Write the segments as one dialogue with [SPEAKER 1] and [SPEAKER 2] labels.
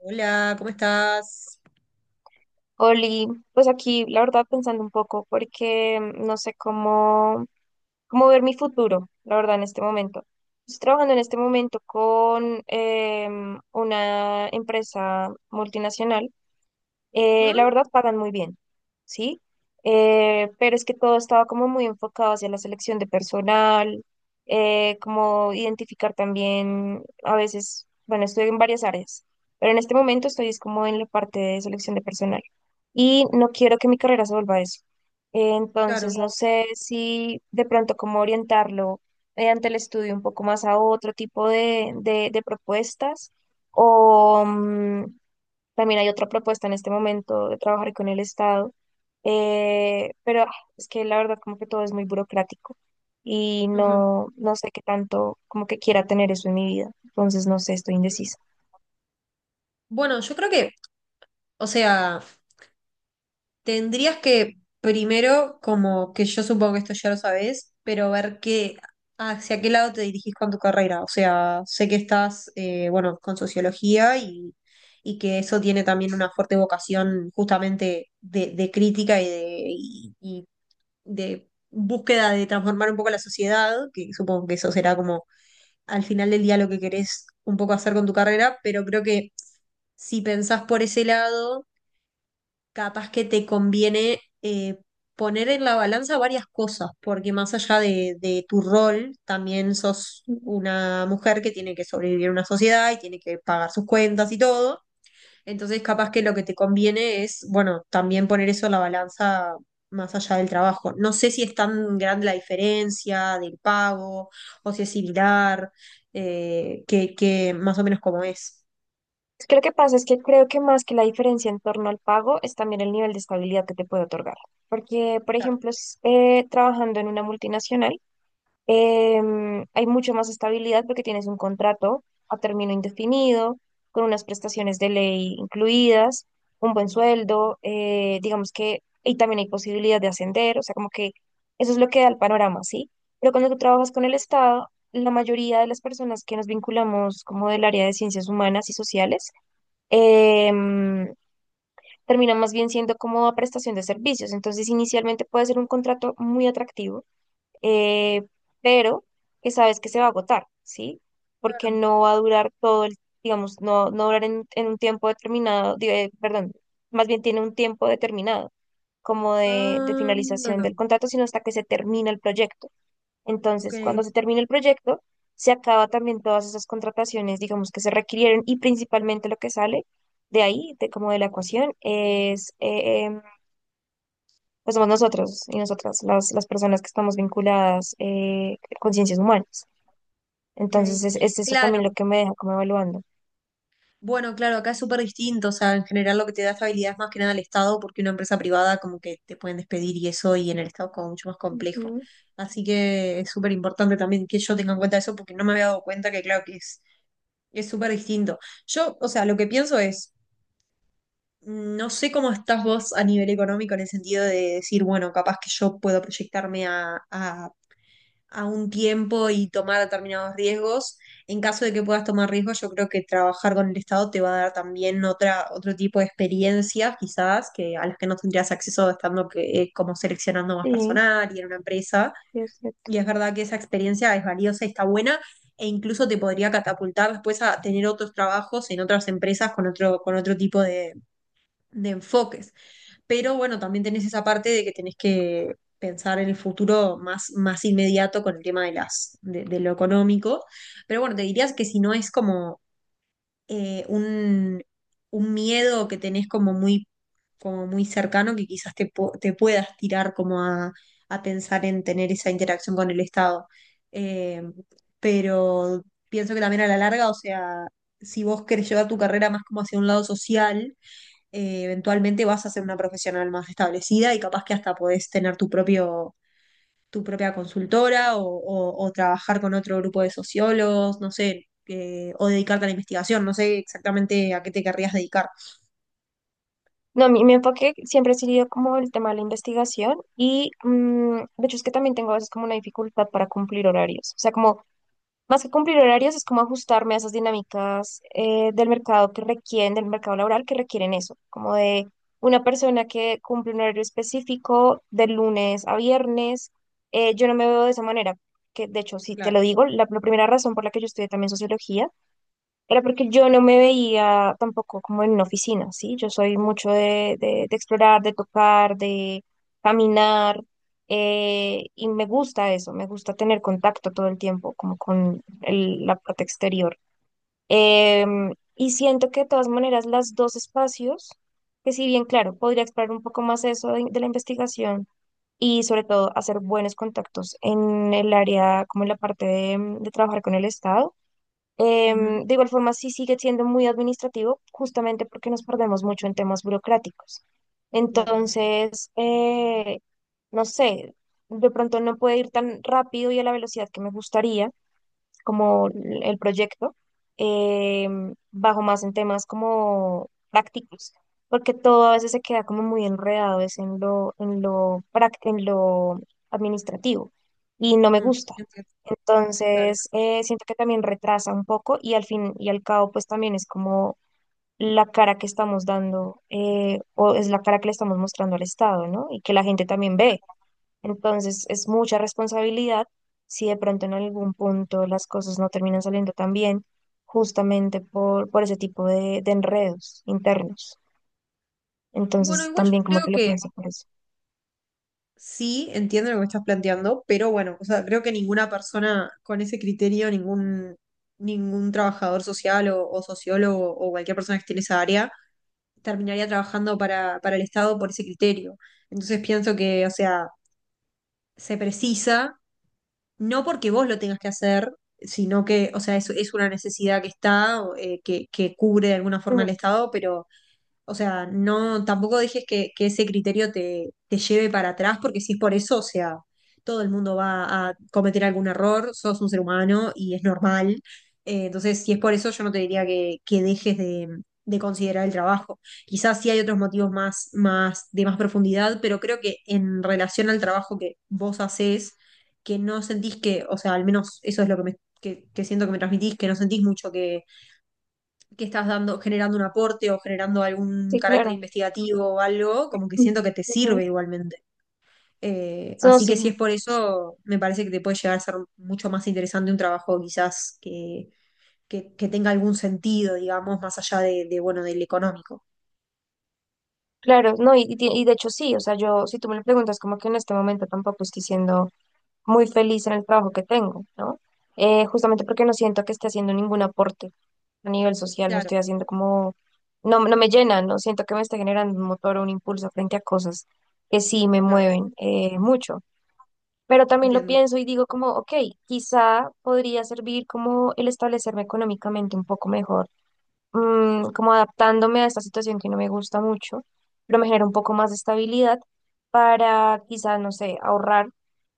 [SPEAKER 1] Hola, ¿cómo estás?
[SPEAKER 2] Oli, pues aquí la verdad pensando un poco porque no sé cómo, cómo ver mi futuro, la verdad, en este momento. Estoy trabajando en este momento con una empresa multinacional, la
[SPEAKER 1] Ujú,
[SPEAKER 2] verdad pagan muy bien, ¿sí? Pero es que todo estaba como muy enfocado hacia la selección de personal, como identificar también, a veces, bueno, estoy en varias áreas, pero en este momento estoy es como en la parte de selección de personal y no quiero que mi carrera se vuelva a eso.
[SPEAKER 1] claro.
[SPEAKER 2] Entonces, no sé si de pronto cómo orientarlo mediante el estudio un poco más a otro tipo de propuestas o también hay otra propuesta en este momento de trabajar con el Estado, pero es que la verdad como que todo es muy burocrático y
[SPEAKER 1] Ujú.
[SPEAKER 2] no, no sé qué tanto como que quiera tener eso en mi vida, entonces no sé, estoy indecisa.
[SPEAKER 1] Bueno, yo creo que, o sea, tendrías que primero, como que yo supongo que esto ya lo sabes, pero hacia qué lado te dirigís con tu carrera. O sea, sé que estás, bueno, con sociología y que eso tiene también una fuerte vocación justamente de crítica y de búsqueda de transformar un poco la sociedad, que supongo que eso será como al final del día lo que querés un poco hacer con tu carrera, pero creo que si pensás por ese lado, capaz que te conviene poner en la balanza varias cosas, porque más allá de tu rol, también sos
[SPEAKER 2] Ujú.
[SPEAKER 1] una mujer que tiene que sobrevivir en una sociedad y tiene que pagar sus cuentas y todo. Entonces, capaz que lo que te conviene es, bueno, también poner eso en la balanza más allá del trabajo. No sé si es tan grande la diferencia del pago o si es similar, que más o menos como es.
[SPEAKER 2] Es que lo que pasa es que creo que más que la diferencia en torno al pago es también el nivel de estabilidad que te puede otorgar, porque por
[SPEAKER 1] Claro.
[SPEAKER 2] ejemplo, trabajando en una multinacional. Em, hay mucha más estabilidad porque tienes un contrato a término indefinido, con unas prestaciones de ley incluidas, un buen sueldo, digamos que, y también hay posibilidad de ascender, o sea, como que eso es lo que da el panorama, ¿sí? Pero cuando tú trabajas con el Estado, la mayoría de las personas que nos vinculamos como del área de ciencias humanas y sociales, em, terminan más bien siendo como a prestación de servicios. Entonces, inicialmente puede ser un contrato muy atractivo, eh, pero que sabes que se va a agotar, ¿sí? Porque
[SPEAKER 1] Claro.
[SPEAKER 2] no va a durar todo el, digamos, no, no durar en un tiempo determinado, perdón, más bien tiene un tiempo determinado como de
[SPEAKER 1] Ah,
[SPEAKER 2] finalización del contrato, sino hasta que se termina el proyecto. Entonces,
[SPEAKER 1] ok,
[SPEAKER 2] cuando se termina el proyecto, se acaba también todas esas contrataciones, digamos, que se requirieron y principalmente lo que sale de ahí, de como de la ecuación, es pues somos nosotros y nosotras, las personas que estamos vinculadas con ciencias humanas. Entonces,
[SPEAKER 1] ok.
[SPEAKER 2] es eso
[SPEAKER 1] Claro.
[SPEAKER 2] también lo que me deja como evaluando.
[SPEAKER 1] Bueno, claro, acá es súper distinto, o sea, en general lo que te da estabilidad es más que nada el Estado, porque una empresa privada como que te pueden despedir y eso, y en el Estado como mucho más complejo.
[SPEAKER 2] Ujú.
[SPEAKER 1] Así que es súper importante también que yo tenga en cuenta eso, porque no me había dado cuenta que claro que es súper distinto. Yo, o sea, lo que pienso es, no sé cómo estás vos a nivel económico en el sentido de decir, bueno, capaz que yo puedo proyectarme a un tiempo y tomar determinados riesgos. En caso de que puedas tomar riesgos, yo creo que trabajar con el Estado te va a dar también otra, otro tipo de experiencias, quizás, que a las que no tendrías acceso estando que, como seleccionando más
[SPEAKER 2] Sí,
[SPEAKER 1] personal y en una empresa.
[SPEAKER 2] sí, es cierto.
[SPEAKER 1] Y es verdad que esa experiencia es valiosa y está buena, e incluso te podría catapultar después a tener otros trabajos en otras empresas con otro tipo de enfoques, pero bueno, también tenés esa parte de que tenés que pensar en el futuro más, más inmediato con el tema de de lo económico. Pero bueno, te dirías que si no es como eh, un, un miedo que tenés como muy cercano, que quizás te puedas tirar como a pensar en tener esa interacción con el Estado. Eh, pero pienso que también a la larga, o sea, si vos querés llevar tu carrera más como hacia un lado social, eventualmente vas a ser una profesional más establecida y capaz que hasta podés tener tu propio, tu propia consultora o trabajar con otro grupo de sociólogos, no sé, o dedicarte a la investigación, no sé exactamente a qué te querrías dedicar.
[SPEAKER 2] No, mi enfoque siempre ha sido como el tema de la investigación y de hecho es que también tengo a veces como una dificultad para cumplir horarios. O sea, como más que cumplir horarios, es como ajustarme a esas dinámicas del mercado que requieren, del mercado laboral que requieren eso, como de una persona que cumple un horario específico de lunes a viernes. Yo no me veo de esa manera, que de hecho, si te
[SPEAKER 1] Claro.
[SPEAKER 2] lo digo, la primera razón por la que yo estudié también sociología era porque yo no me veía tampoco como en una oficina, ¿sí? Yo soy mucho de, de explorar, de tocar, de caminar, y me gusta eso, me gusta tener contacto todo el tiempo, como con el- la parte exterior. Y siento que de todas maneras las dos espacios, que si bien, claro, podría explorar un poco más eso de la investigación y sobre todo hacer buenos contactos en el área, como en la parte de trabajar con el Estado.
[SPEAKER 1] Ujú,
[SPEAKER 2] Em, de igual forma, sí sigue siendo muy administrativo, justamente porque nos perdemos mucho en temas burocráticos.
[SPEAKER 1] claro.
[SPEAKER 2] Entonces, no sé, de pronto no puede ir tan rápido y a la velocidad que me gustaría, como el proyecto, eh, bajo más en temas como prácticos, porque todo a veces se queda como muy enredado, es en lo, en lo, en lo administrativo, y no me
[SPEAKER 1] Ujú,
[SPEAKER 2] gusta.
[SPEAKER 1] entiendo, claro.
[SPEAKER 2] Entonces, siento que también retrasa un poco y al fin y al cabo, pues también es como la cara que estamos dando, o es la cara que le estamos mostrando al Estado, ¿no? Y que la gente también ve. Entonces es mucha responsabilidad si de pronto en algún punto las cosas no terminan saliendo tan bien, justamente por ese tipo de enredos internos.
[SPEAKER 1] Bueno,
[SPEAKER 2] Entonces
[SPEAKER 1] igual yo
[SPEAKER 2] también como
[SPEAKER 1] creo
[SPEAKER 2] que lo
[SPEAKER 1] que
[SPEAKER 2] pienso por eso.
[SPEAKER 1] sí, entiendo lo que estás planteando, pero bueno, o sea, creo que ninguna persona con ese criterio, ningún, ningún trabajador social o sociólogo o cualquier persona que esté en esa área, terminaría trabajando para el Estado por ese criterio. Entonces pienso que, o sea, se precisa, no porque vos lo tengas que hacer, sino que, o sea, es una necesidad que está, que cubre de alguna forma
[SPEAKER 2] Mm,
[SPEAKER 1] el Estado, pero o sea, no, tampoco dejes que ese criterio te lleve para atrás, porque si es por eso, o sea, todo el mundo va a cometer algún error, sos un ser humano y es normal. Entonces, si es por eso, yo no te diría que dejes de considerar el trabajo. Quizás sí hay otros motivos más, más, de más profundidad, pero creo que en relación al trabajo que vos hacés, que no sentís que, o sea, al menos eso es lo que que siento que me transmitís, que no sentís mucho que estás dando, generando un aporte o generando algún
[SPEAKER 2] sí,
[SPEAKER 1] carácter
[SPEAKER 2] claro.
[SPEAKER 1] investigativo o algo, como que
[SPEAKER 2] Mm,
[SPEAKER 1] siento que te
[SPEAKER 2] ujú.
[SPEAKER 1] sirve igualmente.
[SPEAKER 2] No,
[SPEAKER 1] Así que
[SPEAKER 2] sí,
[SPEAKER 1] si es por eso, me parece que te puede llegar a ser mucho más interesante un trabajo quizás que tenga algún sentido, digamos, más allá de, bueno, del económico.
[SPEAKER 2] claro, no, y, y de hecho sí, o sea, yo, si tú me lo preguntas, como que en este momento tampoco estoy siendo muy feliz en el trabajo que tengo, ¿no? Justamente porque no siento que esté haciendo ningún aporte a nivel social, no
[SPEAKER 1] Claro,
[SPEAKER 2] estoy haciendo como, no, no me llena, no siento que me esté generando un motor o un impulso frente a cosas que sí me
[SPEAKER 1] claro,
[SPEAKER 2] mueven mucho. Pero también lo
[SPEAKER 1] entiendo,
[SPEAKER 2] pienso y digo como, ok, quizá podría servir como el establecerme económicamente un poco mejor, como adaptándome a esta situación que no me gusta mucho, pero me genera un poco más de estabilidad para quizá, no sé, ahorrar,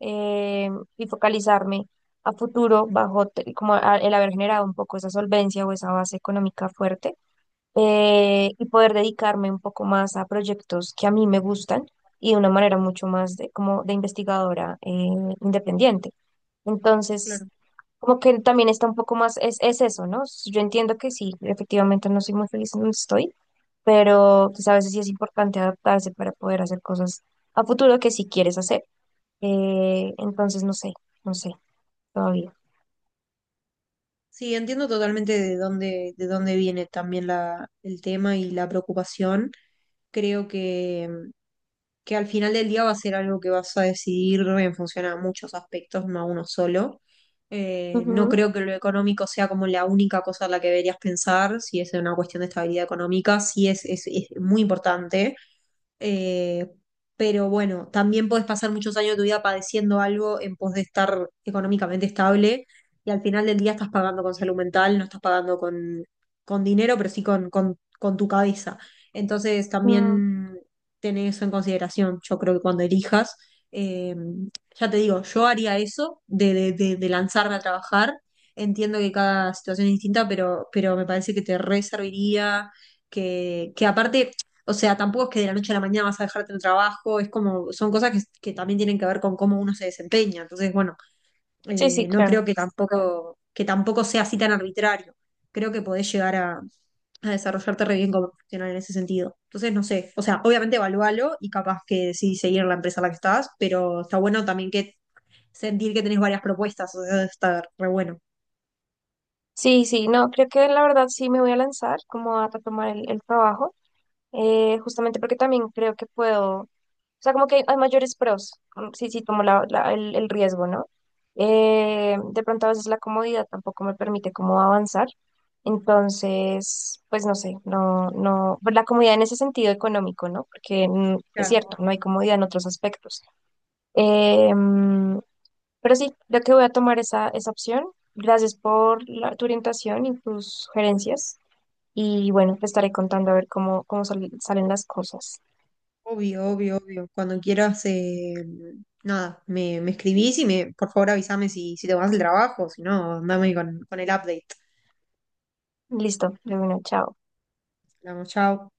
[SPEAKER 2] eh, y focalizarme a futuro bajo como el haber generado un poco esa solvencia o esa base económica fuerte, y poder dedicarme un poco más a proyectos que a mí me gustan y de una manera mucho más de, como de investigadora independiente. Entonces,
[SPEAKER 1] claro.
[SPEAKER 2] como que también está un poco más, es eso, ¿no? Yo entiendo que sí, efectivamente no soy muy feliz en donde estoy, pero pues a veces sí es importante adaptarse para poder hacer cosas a futuro que sí quieres hacer. Entonces, no sé, no sé, todavía.
[SPEAKER 1] Sí, entiendo totalmente de dónde viene también la, el tema y la preocupación. Creo que al final del día va a ser algo que vas a decidir en función a muchos aspectos, no a uno solo. No
[SPEAKER 2] Ujú,
[SPEAKER 1] creo que lo económico sea como la única cosa en la que deberías pensar, si es una cuestión de estabilidad económica, sí es muy importante, eh, pero bueno, también podés pasar muchos años de tu vida padeciendo algo en pos de estar económicamente estable y al final del día estás pagando con salud mental, no estás pagando con dinero, pero sí con tu cabeza. Entonces
[SPEAKER 2] mm,
[SPEAKER 1] también tenés eso en consideración, yo creo que cuando elijas, eh, ya te digo, yo haría eso de lanzarme a trabajar. Entiendo que cada situación es distinta, pero me parece que te re serviría que aparte o sea, tampoco es que de la noche a la mañana vas a dejarte el trabajo, es como, son cosas que también tienen que ver con cómo uno se desempeña. Entonces, bueno,
[SPEAKER 2] sí, sí,
[SPEAKER 1] no
[SPEAKER 2] claro.
[SPEAKER 1] creo que tampoco sea así tan arbitrario. Creo que podés llegar a desarrollarte re bien como profesional en ese sentido. Entonces, no sé, o sea, obviamente evalúalo y capaz que sí seguir en la empresa en la que estás, pero está bueno también que sentir que tenés varias propuestas, o sea, está re bueno.
[SPEAKER 2] Sí, sí, no, creo que la verdad sí me voy a lanzar como a retomar el trabajo. Justamente porque también creo que puedo, o sea, como que hay mayores pros, sí, sí, tomo el riesgo, ¿no? De pronto a veces la comodidad tampoco me permite como avanzar, entonces, pues no sé, no, no, pues, la comodidad en ese sentido económico, ¿no? Porque es
[SPEAKER 1] Claro.
[SPEAKER 2] cierto, no hay comodidad en otros aspectos. Mm, pero sí, creo que voy a tomar esa, esa opción. Gracias por tu orientación y tus sugerencias. Y bueno, te estaré contando a ver cómo, cómo salen las cosas.
[SPEAKER 1] Obvio, obvio, obvio. Cuando quieras, nada, me escribís y me, por favor avísame si, si te vas del trabajo, si no, andame con el update.
[SPEAKER 2] Listo, de una, chao.
[SPEAKER 1] Hablamos, chao.